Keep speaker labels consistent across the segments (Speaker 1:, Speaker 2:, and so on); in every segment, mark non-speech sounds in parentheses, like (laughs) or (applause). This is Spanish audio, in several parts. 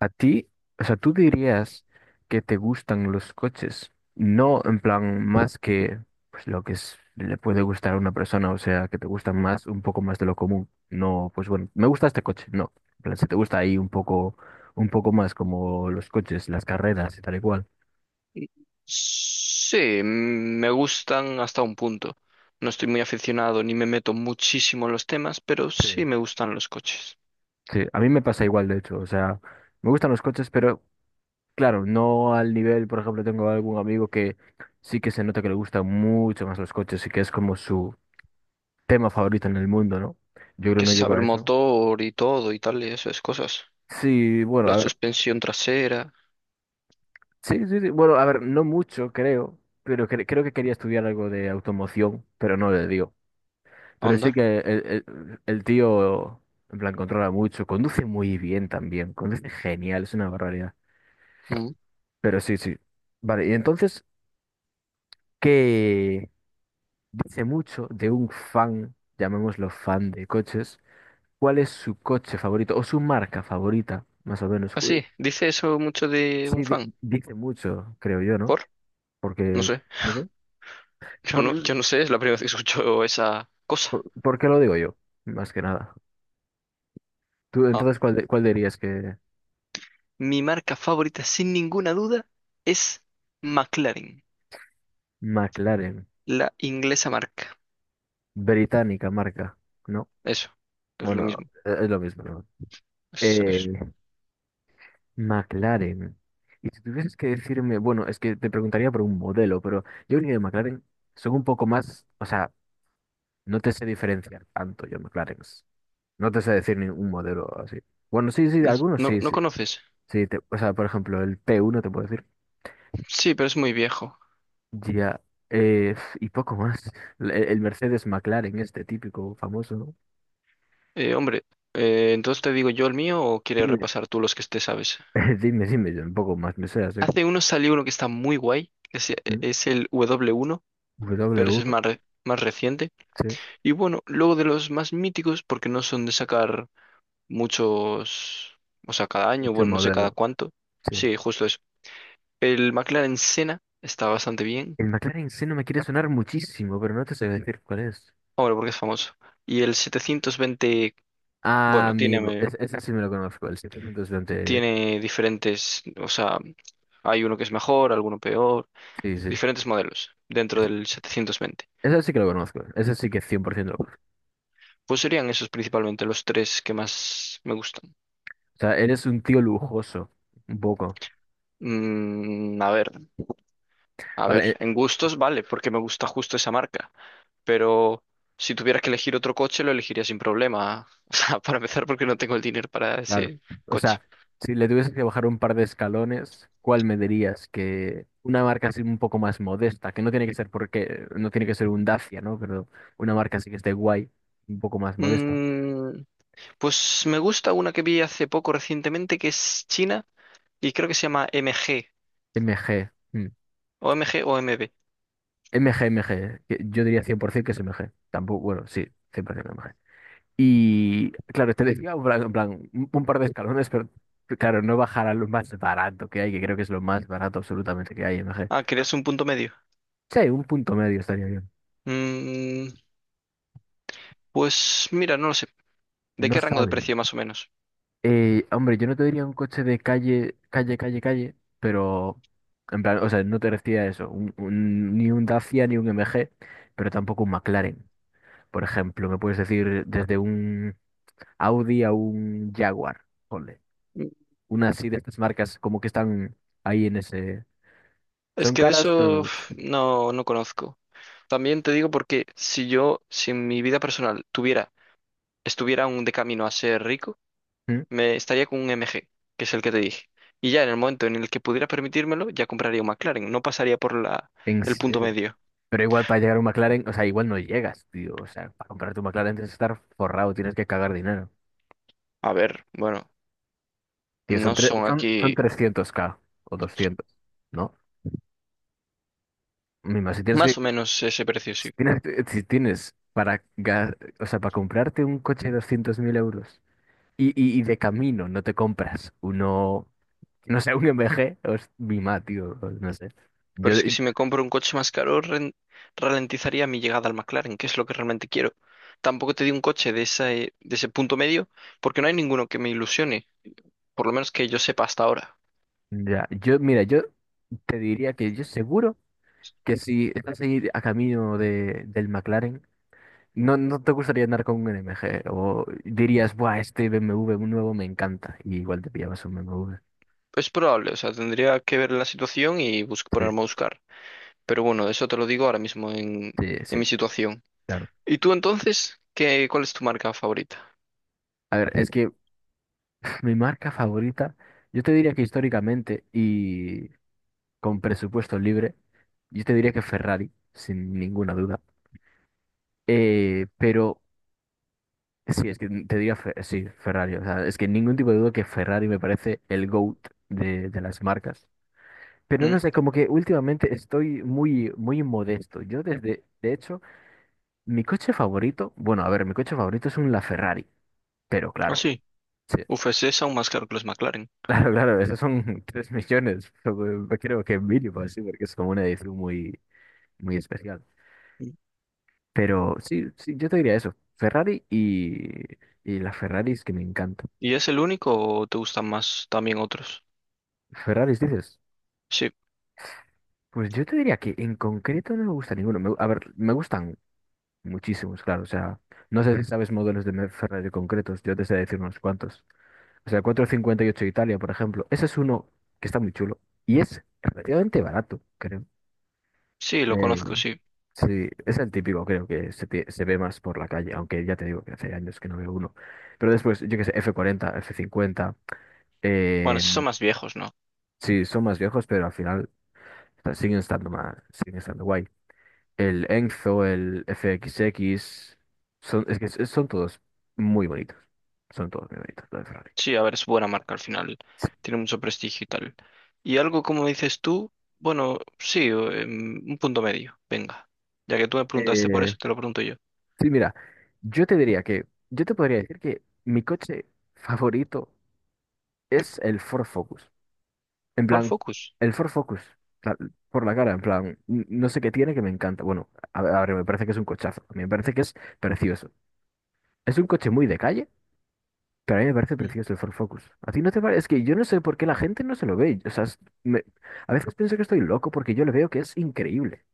Speaker 1: A ti, o sea, tú dirías que te gustan los coches, no en plan más que pues, le puede gustar a una persona, o sea, que te gustan más, un poco más de lo común. No, pues bueno, me gusta este coche, no. En plan, si te gusta ahí un poco más como los coches, las carreras y tal y cual.
Speaker 2: Sí, me gustan hasta un punto. No estoy muy aficionado ni me meto muchísimo en los temas, pero
Speaker 1: Sí.
Speaker 2: sí me gustan los coches.
Speaker 1: Sí, a mí me pasa igual, de hecho, o sea, me gustan los coches, pero claro, no al nivel, por ejemplo, tengo algún amigo que sí que se nota que le gustan mucho más los coches y que es como su tema favorito en el mundo, ¿no? Yo creo que
Speaker 2: Que
Speaker 1: no
Speaker 2: se
Speaker 1: llego
Speaker 2: sabe el
Speaker 1: a eso.
Speaker 2: motor y todo y tal, y esas cosas.
Speaker 1: Sí, bueno,
Speaker 2: La
Speaker 1: a ver,
Speaker 2: suspensión trasera,
Speaker 1: sí, sí, sí, bueno, a ver, no mucho, creo, pero creo que quería estudiar algo de automoción, pero no le dio. Pero sí
Speaker 2: anda.
Speaker 1: que el tío, en plan, controla mucho, conduce muy bien también, conduce genial, es una barbaridad.
Speaker 2: ¿No?
Speaker 1: Pero sí, sí. Vale, y entonces, ¿qué dice mucho de un fan, llamémoslo fan de coches? ¿Cuál es su coche favorito o su marca favorita, más o menos?
Speaker 2: Así, dice eso mucho de un
Speaker 1: Sí,
Speaker 2: fan.
Speaker 1: dice mucho, creo yo, ¿no?
Speaker 2: ¿Por? No
Speaker 1: Porque,
Speaker 2: sé.
Speaker 1: no sé,
Speaker 2: Yo no,
Speaker 1: ¿por,
Speaker 2: yo no sé, es la primera vez que escucho esa
Speaker 1: por,
Speaker 2: cosa.
Speaker 1: por qué lo digo yo? Más que nada. Tú,
Speaker 2: Ah.
Speaker 1: entonces, ¿cuál dirías que
Speaker 2: Mi marca favorita, sin ninguna duda, es McLaren,
Speaker 1: McLaren,
Speaker 2: la inglesa marca.
Speaker 1: británica marca, ¿no?
Speaker 2: Eso, es lo
Speaker 1: Bueno,
Speaker 2: mismo.
Speaker 1: es lo mismo, ¿no?
Speaker 2: Es-
Speaker 1: Eh,
Speaker 2: es-
Speaker 1: McLaren. Y si tuvieses que decirme, bueno, es que te preguntaría por un modelo, pero yo diría que McLaren son un poco más, o sea, no te sé diferenciar tanto yo, McLaren. No te sé decir ningún modelo así. Bueno, sí, sí,
Speaker 2: es-
Speaker 1: algunos
Speaker 2: no,
Speaker 1: sí,
Speaker 2: ¿no
Speaker 1: sí.
Speaker 2: conoces?
Speaker 1: Sí, o sea, por ejemplo, el P1 te puedo decir
Speaker 2: Sí, pero es muy viejo.
Speaker 1: ya, eh, y poco más. (laughs) El Mercedes McLaren, este típico, famoso, ¿no?
Speaker 2: ¿Hombre, entonces te digo yo el mío o quieres
Speaker 1: Dime.
Speaker 2: repasar tú los que te sabes?
Speaker 1: (laughs) Dime, dime, yo un poco más me sé, así que,
Speaker 2: Hace uno salió uno que está muy guay,
Speaker 1: ¿mm?
Speaker 2: es, el W1,
Speaker 1: W
Speaker 2: pero ese es
Speaker 1: uno
Speaker 2: más reciente.
Speaker 1: sí,
Speaker 2: Y bueno, luego de los más míticos, porque no son de sacar muchos, o sea, cada año,
Speaker 1: este
Speaker 2: bueno, no sé cada
Speaker 1: modelo,
Speaker 2: cuánto.
Speaker 1: sí.
Speaker 2: Sí, justo eso. El McLaren Senna está bastante bien,
Speaker 1: El McLaren sí no me quiere sonar muchísimo, pero no te sé decir cuál es.
Speaker 2: ahora porque es famoso. Y el 720,
Speaker 1: Ah,
Speaker 2: bueno,
Speaker 1: amigo,
Speaker 2: tiene, eh,
Speaker 1: ese sí me lo conozco, el 720,
Speaker 2: tiene diferentes, o sea, hay uno que es mejor, alguno peor,
Speaker 1: sí, sí.
Speaker 2: diferentes modelos dentro
Speaker 1: Ese
Speaker 2: del 720.
Speaker 1: ese sí que lo conozco, ese sí que 100% lo conozco.
Speaker 2: Pues serían esos principalmente los tres que más me gustan.
Speaker 1: O sea, eres un tío lujoso, un poco.
Speaker 2: Mm, a ver, a ver,
Speaker 1: Vale,
Speaker 2: en gustos vale, porque me gusta justo esa marca. Pero si tuvieras que elegir otro coche, lo elegiría sin problema. (laughs) O sea, para empezar, porque no tengo el dinero para
Speaker 1: claro.
Speaker 2: ese
Speaker 1: O
Speaker 2: coche.
Speaker 1: sea, si le tuvieses que bajar un par de escalones, ¿cuál me dirías? Que una marca así un poco más modesta, que no tiene que ser porque, no tiene que ser un Dacia, ¿no? Pero una marca así que esté guay, un poco más modesta.
Speaker 2: Mm, pues me gusta una que vi hace poco recientemente que es china y creo que se llama MG,
Speaker 1: M G, mm.
Speaker 2: o MG o MB.
Speaker 1: MG, MG. Que yo diría 100% que es M G. Tampoco, bueno, sí, 100% M G. Y claro, te decía en plan, un par de escalones, pero claro, no bajar a lo más barato que hay, que creo que es lo más barato absolutamente que hay, M G.
Speaker 2: Ah, querías un punto medio.
Speaker 1: Sí, un punto medio estaría bien.
Speaker 2: Mm, pues mira, no lo sé. ¿De
Speaker 1: No
Speaker 2: qué rango de
Speaker 1: sabe.
Speaker 2: precio más o menos?
Speaker 1: Hombre, yo no te diría un coche de calle, calle, calle, calle, pero en plan, o sea, no te decía eso, ni un Dacia ni un M G, pero tampoco un McLaren. Por ejemplo, me puedes decir desde un Audi a un Jaguar, ponle.
Speaker 2: Mm,
Speaker 1: Una así de estas marcas como que están ahí en ese.
Speaker 2: Es
Speaker 1: Son
Speaker 2: que de
Speaker 1: caras, pero no
Speaker 2: eso (sighs)
Speaker 1: mucho.
Speaker 2: uf, no, no conozco. También te digo porque si en mi vida personal estuviera aún de camino a ser rico,
Speaker 1: ¿Mm?
Speaker 2: me estaría con un MG, que es el que te dije. Y ya en el momento en el que pudiera permitírmelo, ya compraría un McLaren. No pasaría por
Speaker 1: En
Speaker 2: el punto
Speaker 1: serio.
Speaker 2: medio.
Speaker 1: Pero igual para llegar a un McLaren, o sea, igual no llegas, tío. O sea, para comprarte un McLaren tienes que estar forrado, tienes que cagar dinero.
Speaker 2: A ver, bueno,
Speaker 1: Tío,
Speaker 2: no son
Speaker 1: son
Speaker 2: aquí
Speaker 1: 300k o doscientos, ¿no? Mima,
Speaker 2: más o menos ese precio, sí.
Speaker 1: si tienes, si tienes para, o sea, para comprarte un coche de 200.000 euros y, y de camino no te compras uno, no sé, un M G, o es mima, tío, o no sé.
Speaker 2: Pero
Speaker 1: Yo,
Speaker 2: es que si me compro un coche más caro, ralentizaría mi llegada al McLaren, que es lo que realmente quiero. Tampoco te di un coche de ese, punto medio, porque no hay ninguno que me ilusione, por lo menos que yo sepa hasta ahora.
Speaker 1: ya, mira, yo te diría que yo seguro que si estás ahí a camino de, del McLaren, no, no te gustaría andar con un MG o dirías, buah, este BMW nuevo me encanta y igual te pillabas un BMW.
Speaker 2: Es probable, o sea, tendría que ver la situación y
Speaker 1: Sí,
Speaker 2: ponerme a buscar. Pero bueno, eso te lo digo ahora mismo en,
Speaker 1: sí,
Speaker 2: en
Speaker 1: sí,
Speaker 2: mi situación.
Speaker 1: claro.
Speaker 2: ¿Y tú entonces, cuál es tu marca favorita?
Speaker 1: A ver, es que (clears throat) mi marca favorita, yo te diría que históricamente y con presupuesto libre, yo te diría que Ferrari, sin ninguna duda. Pero sí, es que te diría, sí, Ferrari. O sea, es que ningún tipo de duda que Ferrari me parece el GOAT de las marcas. Pero
Speaker 2: ¿Mm?
Speaker 1: no sé, como que últimamente estoy muy, muy modesto. De hecho, mi coche favorito, bueno, a ver, mi coche favorito es un LaFerrari, pero
Speaker 2: Ah,
Speaker 1: claro.
Speaker 2: sí.
Speaker 1: Sí.
Speaker 2: UFC es aún más caro que los McLaren.
Speaker 1: Claro, claro, esos son (laughs) 3 millones, pero, creo que mínimo así, porque es como una edición muy, muy especial.
Speaker 2: Mm.
Speaker 1: Pero sí, sí, yo te diría eso, Ferrari y las Ferraris que me encantan.
Speaker 2: ¿Y es el único o te gustan más también otros?
Speaker 1: Ferraris dices,
Speaker 2: Sí,
Speaker 1: pues yo te diría que en concreto no me gusta ninguno. A ver, me gustan muchísimos, claro, o sea, no sé si sabes modelos de Ferrari concretos, yo te sé decir unos cuantos. O sea, 458 Italia, por ejemplo, ese es uno que está muy chulo y es relativamente barato, creo.
Speaker 2: sí, lo conozco, sí.
Speaker 1: Sí, es el típico, creo que se ve más por la calle, aunque ya te digo que hace años que no veo uno. Pero después, yo qué sé, F40, F50,
Speaker 2: Bueno,
Speaker 1: eh,
Speaker 2: sí son más viejos, ¿no?
Speaker 1: sí, son más viejos, pero al final o sea, siguen estando más, siguen estando guay. El Enzo, el FXX, son, es que son todos muy bonitos, son todos muy bonitos, los de Ferrari.
Speaker 2: Sí, a ver, es buena marca al final. Tiene mucho prestigio y tal. Y algo como dices tú, bueno, sí, o, un punto medio. Venga. Ya que tú me preguntaste por
Speaker 1: Eh,
Speaker 2: eso, te lo pregunto yo.
Speaker 1: sí, mira, yo te diría que, yo te podría decir que mi coche favorito es el Ford Focus. En
Speaker 2: ¿Por
Speaker 1: plan,
Speaker 2: Focus?
Speaker 1: el Ford Focus, la- por la cara, en plan, no sé qué tiene que me encanta. Bueno, a ver, me parece que es un cochazo. A mí me parece que es precioso. Es un coche muy de calle, pero a mí me parece
Speaker 2: Mm.
Speaker 1: precioso el Ford Focus. ¿A ti no te parece? Es que yo no sé por qué la gente no se lo ve. O sea, a veces pienso que estoy loco porque yo le veo que es increíble.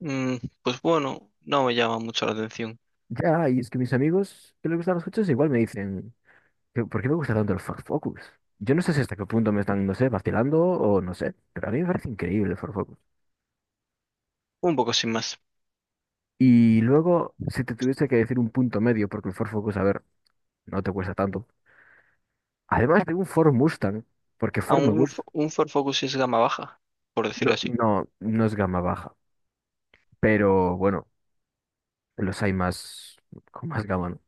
Speaker 2: Mm, pues bueno, no me llama mucho la atención.
Speaker 1: Ya, y es que mis amigos que les gustan los coches igual me dicen: "¿Pero por qué me gusta tanto el Ford Focus?" Yo no sé si hasta qué punto me están, no sé, vacilando o no sé, pero a mí me parece increíble el Ford Focus.
Speaker 2: Un poco sin más.
Speaker 1: Y luego, si te tuviese que decir un punto medio, porque el Ford Focus, a ver, no te cuesta tanto. Además de un Ford Mustang, porque
Speaker 2: A
Speaker 1: Ford me
Speaker 2: un,
Speaker 1: gusta.
Speaker 2: fo- un Ford Focus es gama baja, por
Speaker 1: No,
Speaker 2: decirlo así.
Speaker 1: no, no es gama baja, pero bueno, los hay más, con más gama, ¿no?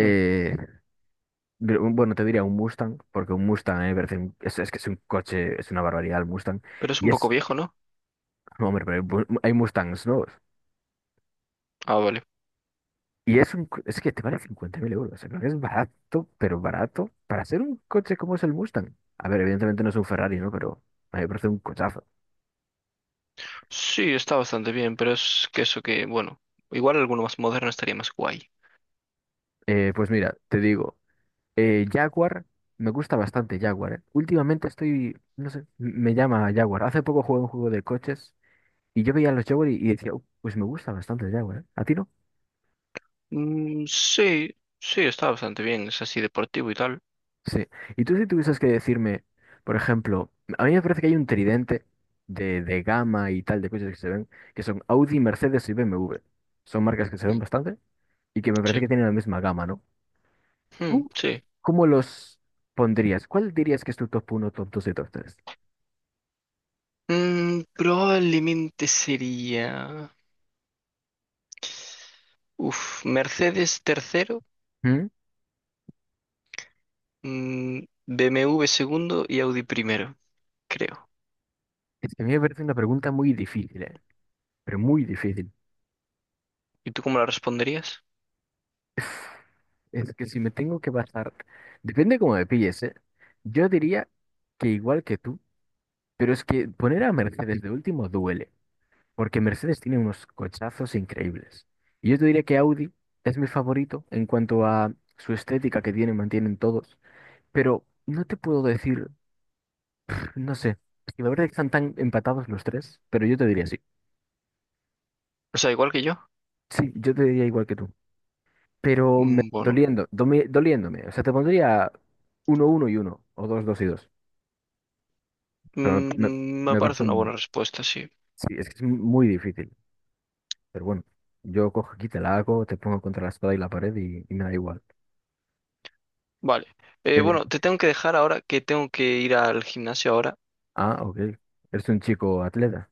Speaker 2: Mm.
Speaker 1: pero, bueno, te diría un Mustang, porque un Mustang, me parece es que es un coche, es una barbaridad el Mustang.
Speaker 2: Pero es un
Speaker 1: Y
Speaker 2: poco
Speaker 1: es,
Speaker 2: viejo, ¿no?
Speaker 1: hombre, pero hay hay Mustangs, ¿no?
Speaker 2: Ah, vale.
Speaker 1: Y es, un, es que te vale 50.000 euros. O sea, creo que es barato, pero barato para hacer un coche como es el Mustang. A ver, evidentemente no es un Ferrari, ¿no? Pero a mí me parece un cochazo.
Speaker 2: Sí, está bastante bien, pero es que eso que, bueno, igual alguno más moderno estaría más guay.
Speaker 1: Pues mira, te digo, Jaguar, me gusta bastante Jaguar, ¿eh? Últimamente estoy, no sé, me llama Jaguar. Hace poco jugué un juego de coches y yo veía los Jaguar y decía: pues me gusta bastante el Jaguar, ¿eh? ¿A ti no?"
Speaker 2: Mm, sí, sí, está bastante bien, es así deportivo y tal.
Speaker 1: Sí. Y tú si tuvieses que decirme, por ejemplo, a mí me parece que hay un tridente de gama y tal de coches que se ven, que son Audi, Mercedes y BMW. Son marcas que se ven
Speaker 2: Mm.
Speaker 1: bastante y que me parece
Speaker 2: Sí,
Speaker 1: que tienen la misma gama, ¿no?
Speaker 2: mm,
Speaker 1: ¿Tú
Speaker 2: sí.
Speaker 1: cómo los pondrías? ¿Cuál dirías que es tu top 1, top dos y top 3?
Speaker 2: Probablemente sería... Uf, Mercedes tercero, mm, BMW segundo y Audi primero, creo.
Speaker 1: Es que a mí me parece una pregunta muy difícil, ¿eh? Pero muy difícil.
Speaker 2: ¿Y tú cómo la responderías?
Speaker 1: (laughs) Es que si me tengo que basar, depende cómo me pilles, ¿eh? Yo diría que igual que tú. Pero es que poner a Mercedes de último duele, porque Mercedes tiene unos cochazos increíbles. Y yo te diré que Audi es mi favorito en cuanto a su estética que tienen, mantienen todos. Pero no te puedo decir, (smacks lips) no sé, es que la verdad es que están tan empatados los tres, pero yo te diría sí.
Speaker 2: O sea, igual que yo.
Speaker 1: Sí, yo te diría igual que tú. Pero
Speaker 2: Mm, bueno.
Speaker 1: doliendo, doliéndome. O sea, te pondría uno uno y uno o dos dos y dos. Pero
Speaker 2: Me
Speaker 1: me parece
Speaker 2: parece una buena
Speaker 1: un.
Speaker 2: respuesta, sí.
Speaker 1: Sí, es que es muy difícil. Pero bueno, yo cojo aquí, te la hago, te pongo contra la espada y la pared y me da igual.
Speaker 2: Vale. Eh,
Speaker 1: Eh,
Speaker 2: bueno, te tengo que dejar ahora que tengo que ir al gimnasio ahora.
Speaker 1: ah, ok. Eres un chico atleta.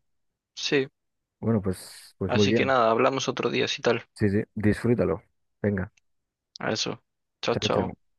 Speaker 2: Sí.
Speaker 1: Bueno, pues, pues muy
Speaker 2: Así que
Speaker 1: bien.
Speaker 2: nada, hablamos otro día si tal.
Speaker 1: Sí, sí, disfrútalo. Venga,
Speaker 2: A eso. Chao,
Speaker 1: chao,
Speaker 2: chao.
Speaker 1: chao.